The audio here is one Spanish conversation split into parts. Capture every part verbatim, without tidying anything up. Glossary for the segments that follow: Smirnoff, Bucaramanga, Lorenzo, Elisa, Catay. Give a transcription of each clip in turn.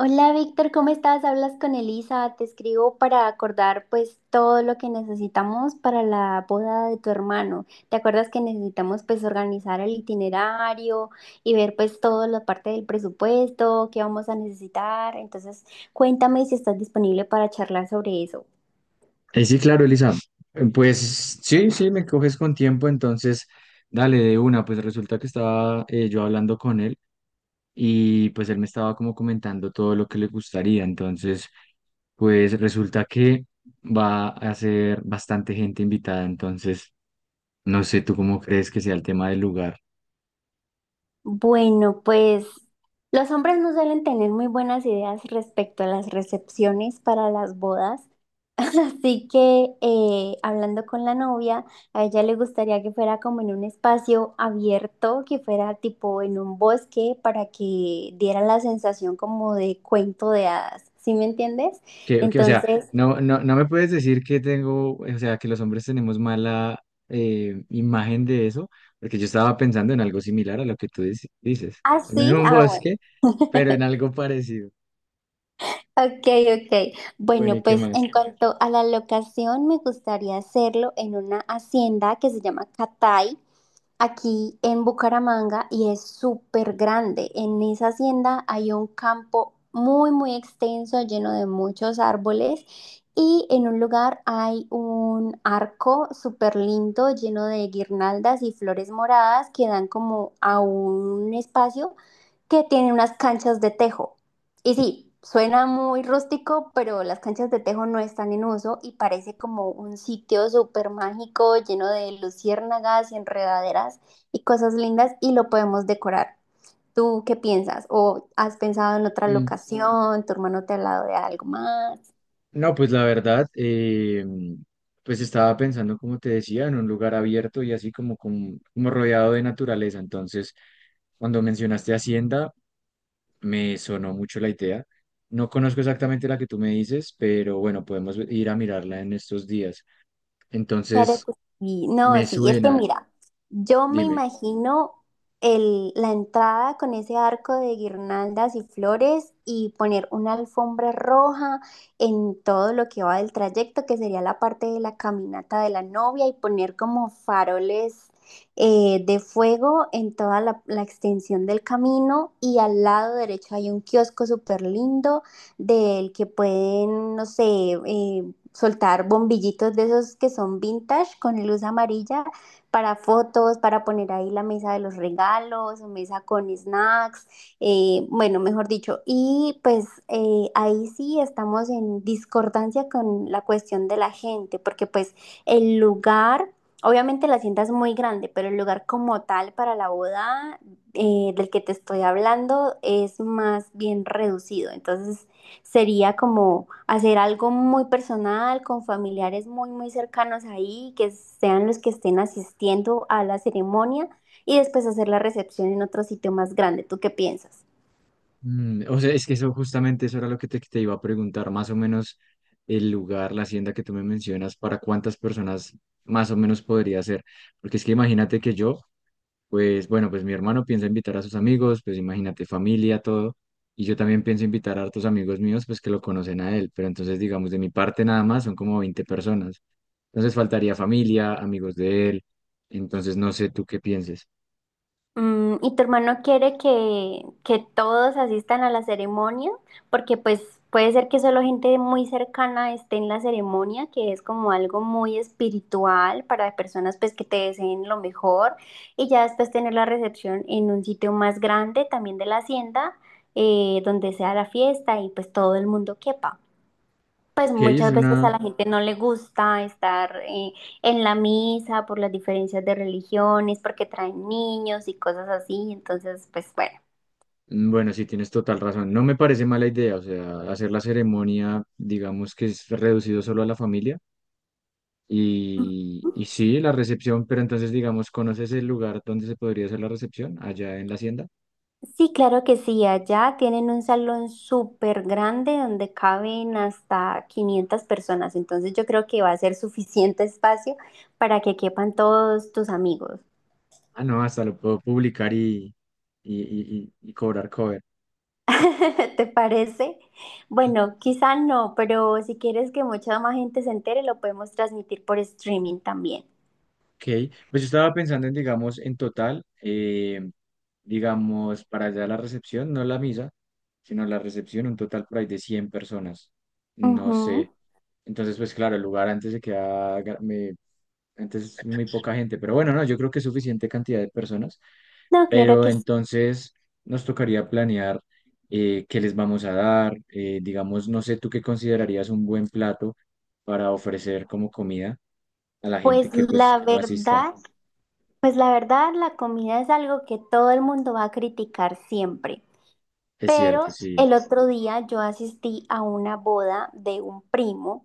Hola Víctor, ¿cómo estás? Hablas con Elisa, te escribo para acordar pues todo lo que necesitamos para la boda de tu hermano. ¿Te acuerdas que necesitamos pues organizar el itinerario y ver pues toda la parte del presupuesto, qué vamos a necesitar? Entonces, cuéntame si estás disponible para charlar sobre eso. Eh, sí, claro, Elisa. Eh, Pues sí, sí, me coges con tiempo, entonces dale de una. Pues resulta que estaba eh, yo hablando con él y pues él me estaba como comentando todo lo que le gustaría. Entonces, pues resulta que va a ser bastante gente invitada. Entonces, no sé, ¿tú cómo crees que sea el tema del lugar? Bueno, pues los hombres no suelen tener muy buenas ideas respecto a las recepciones para las bodas. Así que eh, hablando con la novia, a ella le gustaría que fuera como en un espacio abierto, que fuera tipo en un bosque para que diera la sensación como de cuento de hadas, ¿sí me entiendes? Que, que, o sea, Entonces, no, no, no me puedes decir que tengo, o sea, que los hombres tenemos mala eh, imagen de eso, porque yo estaba pensando en algo similar a lo que tú dici- dices. No en así, un ah, bosque, bueno. pero en algo parecido. Ok, ok. Bueno, ¿y Bueno, qué pues más? en cuanto a la locación, me gustaría hacerlo en una hacienda que se llama Catay, aquí en Bucaramanga, y es súper grande. En esa hacienda hay un campo muy, muy extenso, lleno de muchos árboles. Y en un lugar hay un arco súper lindo, lleno de guirnaldas y flores moradas que dan como a un espacio que tiene unas canchas de tejo. Y sí, suena muy rústico, pero las canchas de tejo no están en uso y parece como un sitio súper mágico lleno de luciérnagas y enredaderas y cosas lindas, y lo podemos decorar. ¿Tú qué piensas? ¿O has pensado en otra Mm. locación? ¿Tu hermano te ha hablado de algo más? No, pues la verdad, eh, pues estaba pensando, como te decía, en un lugar abierto y así como, como, como rodeado de naturaleza. Entonces, cuando mencionaste Hacienda, me sonó mucho la idea. No conozco exactamente la que tú me dices, pero bueno, podemos ir a mirarla en estos días. Claro Entonces, que sí. No, me sí, es que suena, mira, yo me dime. imagino el, la entrada con ese arco de guirnaldas y flores, y poner una alfombra roja en todo lo que va del trayecto, que sería la parte de la caminata de la novia, y poner como faroles eh, de fuego en toda la, la extensión del camino. Y al lado derecho hay un kiosco súper lindo del que pueden, no sé, eh, soltar bombillitos de esos que son vintage con luz amarilla para fotos, para poner ahí la mesa de los regalos, mesa con snacks, eh, bueno, mejor dicho. Y pues eh, ahí sí estamos en discordancia con la cuestión de la gente, porque pues el lugar... Obviamente la hacienda es muy grande, pero el lugar como tal para la boda eh, del que te estoy hablando es más bien reducido. Entonces, sería como hacer algo muy personal con familiares muy, muy cercanos ahí, que sean los que estén asistiendo a la ceremonia, y después hacer la recepción en otro sitio más grande. ¿Tú qué piensas? Mm, o sea, es que eso justamente eso era lo que te, te iba a preguntar, más o menos el lugar, la hacienda que tú me mencionas, para cuántas personas más o menos podría ser. Porque es que imagínate que yo, pues bueno, pues mi hermano piensa invitar a sus amigos, pues imagínate, familia, todo. Y yo también pienso invitar a hartos amigos míos, pues que lo conocen a él. Pero entonces, digamos, de mi parte nada más son como veinte personas. Entonces faltaría familia, amigos de él. Entonces no sé tú qué pienses. Mm, ¿y tu hermano quiere que, que todos asistan a la ceremonia? Porque pues puede ser que solo gente muy cercana esté en la ceremonia, que es como algo muy espiritual para personas pues que te deseen lo mejor, y ya después tener la recepción en un sitio más grande, también de la hacienda, eh, donde sea la fiesta y pues todo el mundo quepa. Pues Ok, es muchas veces a una... la gente no le gusta estar eh, en la misa por las diferencias de religiones, porque traen niños y cosas así. Entonces, pues bueno. Mm, bueno, sí, tienes total razón. No me parece mala idea, o sea, hacer la ceremonia, digamos que es reducido solo a la familia. Y, y sí, la recepción, pero entonces, digamos, ¿conoces el lugar donde se podría hacer la recepción? Allá en la hacienda. Sí, claro que sí. Allá tienen un salón súper grande donde caben hasta quinientas personas. Entonces yo creo que va a ser suficiente espacio para que quepan todos tus amigos. Ah, no, hasta lo puedo publicar y, y, y- y- y cobrar cover. ¿Te parece? Bueno, quizá no, pero si quieres que mucha más gente se entere, lo podemos transmitir por streaming también. Ok, pues yo estaba pensando en, digamos, en total, eh, digamos, para allá la recepción, no la misa, sino la recepción, un total por ahí de cien personas. No sé. Ujú. Entonces, pues claro, el lugar antes se queda, ga- me- antes muy poca gente, pero bueno, no, yo creo que es suficiente cantidad de personas. No, claro Pero que sí. entonces nos tocaría planear eh, qué les vamos a dar. Eh, digamos, no sé, ¿tú qué considerarías un buen plato para ofrecer como comida a la Pues gente que pues la asista? verdad, pues la verdad, la comida es algo que todo el mundo va a criticar siempre. Es Pero cierto, sí. el otro día yo asistí a una boda de un primo.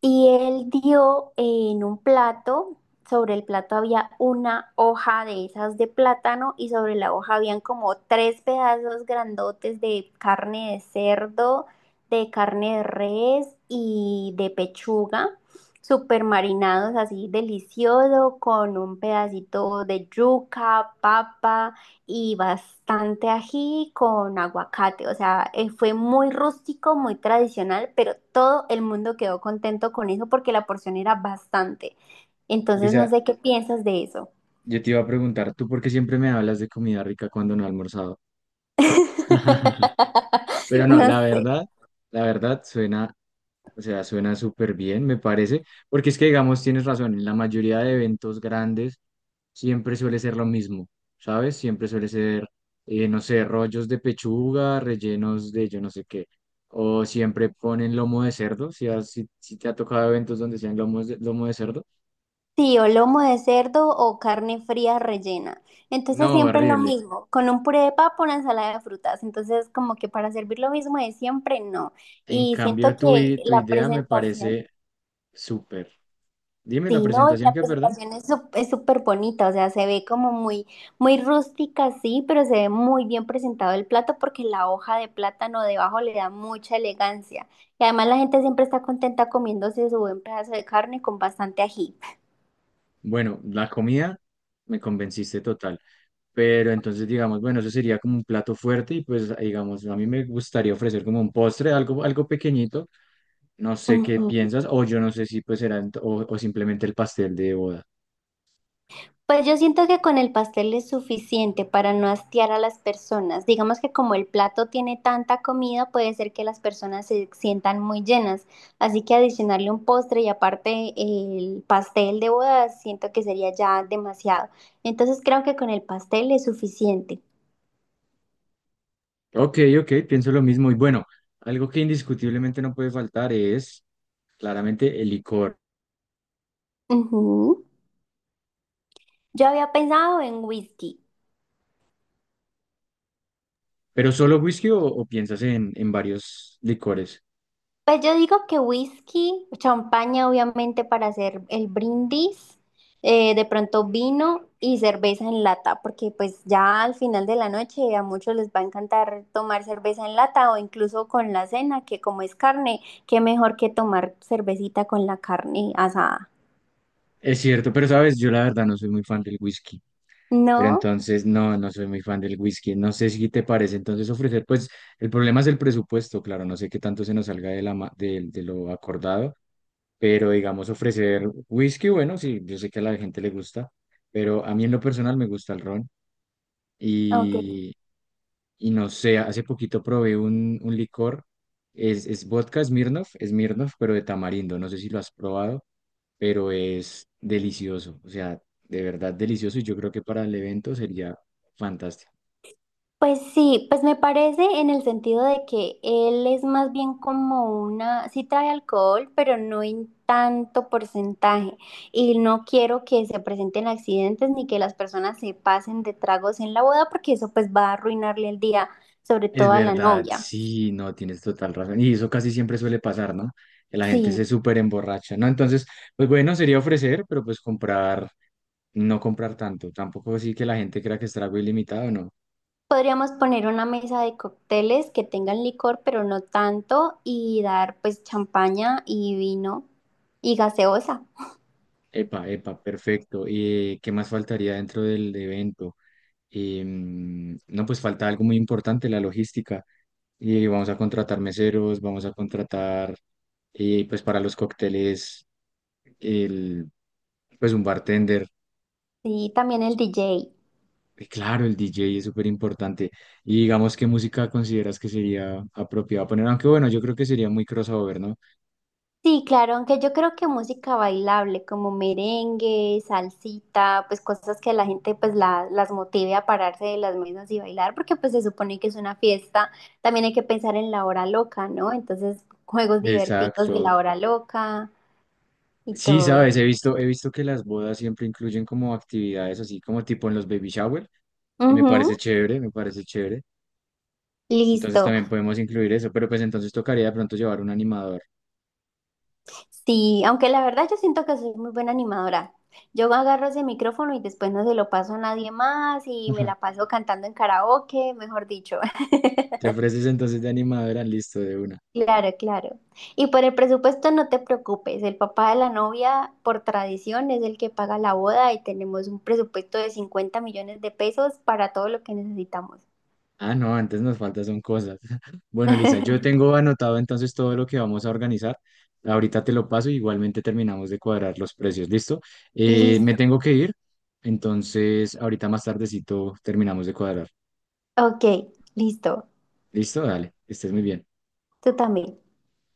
Y él dio en un plato, sobre el plato había una hoja de esas de plátano y sobre la hoja habían como tres pedazos grandotes de carne de cerdo, de carne de res y de pechuga, super marinados así delicioso, con un pedacito de yuca, papa y bastante ají con aguacate. O sea, eh, fue muy rústico, muy tradicional, pero todo el mundo quedó contento con eso porque la porción era bastante. Entonces, no Lisa, sé qué piensas de eso. yo te iba a preguntar, ¿tú por qué siempre me hablas de comida rica cuando no he almorzado? Pero no, No la sé. verdad, la verdad suena, o sea, suena súper bien, me parece, porque es que, digamos, tienes razón, en la mayoría de eventos grandes siempre suele ser lo mismo, ¿sabes? Siempre suele ser, eh, no sé, rollos de pechuga, rellenos de yo no sé qué. O siempre ponen lomo de cerdo, si, has- si, si te ha tocado eventos donde sean lomos de- lomo de cerdo. Sí, o lomo de cerdo o carne fría rellena. No, Entonces siempre es lo horrible. mismo, con un puré de papa, una ensalada de frutas. Entonces como que para servir lo mismo de siempre, no. En Y siento cambio, tu, que i- tu la idea me presentación... parece súper. Dime la Sí, ¿no? Y presentación la que, perdón. presentación es sup- es súper bonita, o sea, se ve como muy, muy rústica, sí, pero se ve muy bien presentado el plato porque la hoja de plátano debajo le da mucha elegancia. Y además la gente siempre está contenta comiéndose su buen pedazo de carne con bastante ají. Bueno, la comida me convenciste total. Pero entonces, digamos, bueno, eso sería como un plato fuerte y pues, digamos, a mí me gustaría ofrecer como un postre, algo, algo pequeñito. No sé qué Ujú. piensas, o yo no sé si pues será ent- o, o simplemente el pastel de boda. Pues yo siento que con el pastel es suficiente para no hastiar a las personas. Digamos que como el plato tiene tanta comida, puede ser que las personas se sientan muy llenas. Así que adicionarle un postre y aparte el pastel de boda, siento que sería ya demasiado. Entonces creo que con el pastel es suficiente. Ok, ok, pienso lo mismo. Y bueno, algo que indiscutiblemente no puede faltar es claramente el licor. Ujú. Yo había pensado en whisky. ¿Pero solo whisky o, o piensas en, en varios licores? Pues yo digo que whisky, champaña obviamente para hacer el brindis, eh, de pronto vino y cerveza en lata, porque pues ya al final de la noche a muchos les va a encantar tomar cerveza en lata o incluso con la cena, que como es carne, qué mejor que tomar cervecita con la carne asada. Es cierto, pero sabes, yo la verdad no soy muy fan del whisky. Pero ¿No? entonces no, no soy muy fan del whisky. No sé si te parece. Entonces ofrecer, pues el problema es el presupuesto, claro, no sé qué tanto se nos salga de, la, ma- de de lo acordado. Pero digamos, ofrecer whisky, bueno, sí, yo sé que a la gente le gusta, pero a mí en lo personal me gusta el ron. Ok. Y, y no sé, hace poquito probé un, un licor, es, es vodka Smirnoff, Smirnoff, pero de tamarindo, no sé si lo has probado, pero es delicioso, o sea, de verdad delicioso y yo creo que para el evento sería fantástico. Pues sí, pues me parece en el sentido de que él es más bien como una, sí trae alcohol, pero no en tanto porcentaje. Y no quiero que se presenten accidentes ni que las personas se pasen de tragos en la boda, porque eso pues va a arruinarle el día, sobre Es todo a la verdad, novia. sí, no, tienes total razón. Y eso casi siempre suele pasar, ¿no? Que la gente se Sí, súper emborracha, ¿no? Entonces, pues bueno, sería ofrecer, pero pues comprar, no comprar tanto, tampoco así que la gente crea que es trago ilimitado, no. podríamos poner una mesa de cócteles que tengan licor, pero no tanto, y dar pues champaña y vino y gaseosa. Epa, epa, perfecto. ¿Y qué más faltaría dentro del evento? Em, no, pues falta algo muy importante, la logística. Y vamos a contratar meseros, vamos a contratar, eh, pues para los cócteles, el, pues un bartender. Sí, también el D J. Y claro, el D J es súper importante. Y digamos, ¿qué música consideras que sería apropiada poner? Aunque bueno, yo creo que sería muy crossover, ¿no? Sí, claro, aunque yo creo que música bailable como merengue, salsita, pues cosas que la gente pues la- las motive a pararse de las mesas y bailar, porque pues se supone que es una fiesta, también hay que pensar en la hora loca, ¿no? Entonces, juegos divertidos Exacto. de la hora loca y Sí, todo. sabes, he visto, he visto que las bodas siempre incluyen como actividades así como tipo en los baby shower y me parece Ujú, chévere, me parece chévere. Entonces listo. también podemos incluir eso, pero pues entonces tocaría de pronto llevar un animador. Sí, aunque la verdad yo siento que soy muy buena animadora. Yo agarro ese micrófono y después no se lo paso a nadie más y me la paso cantando en karaoke, mejor dicho. ¿Te ofreces entonces de animadora? Listo, de una. Claro, claro. Y por el presupuesto no te preocupes, el papá de la novia por tradición es el que paga la boda y tenemos un presupuesto de cincuenta millones de pesos para todo lo que necesitamos. Ah, no, antes nos faltan son cosas. Bueno, Lisa, yo tengo anotado entonces todo lo que vamos a organizar. Ahorita te lo paso, igualmente terminamos de cuadrar los precios, ¿listo? Eh, me Listo, tengo que ir, entonces ahorita más tardecito terminamos de cuadrar. ok, listo. Listo, dale, que estés muy bien. Tú también.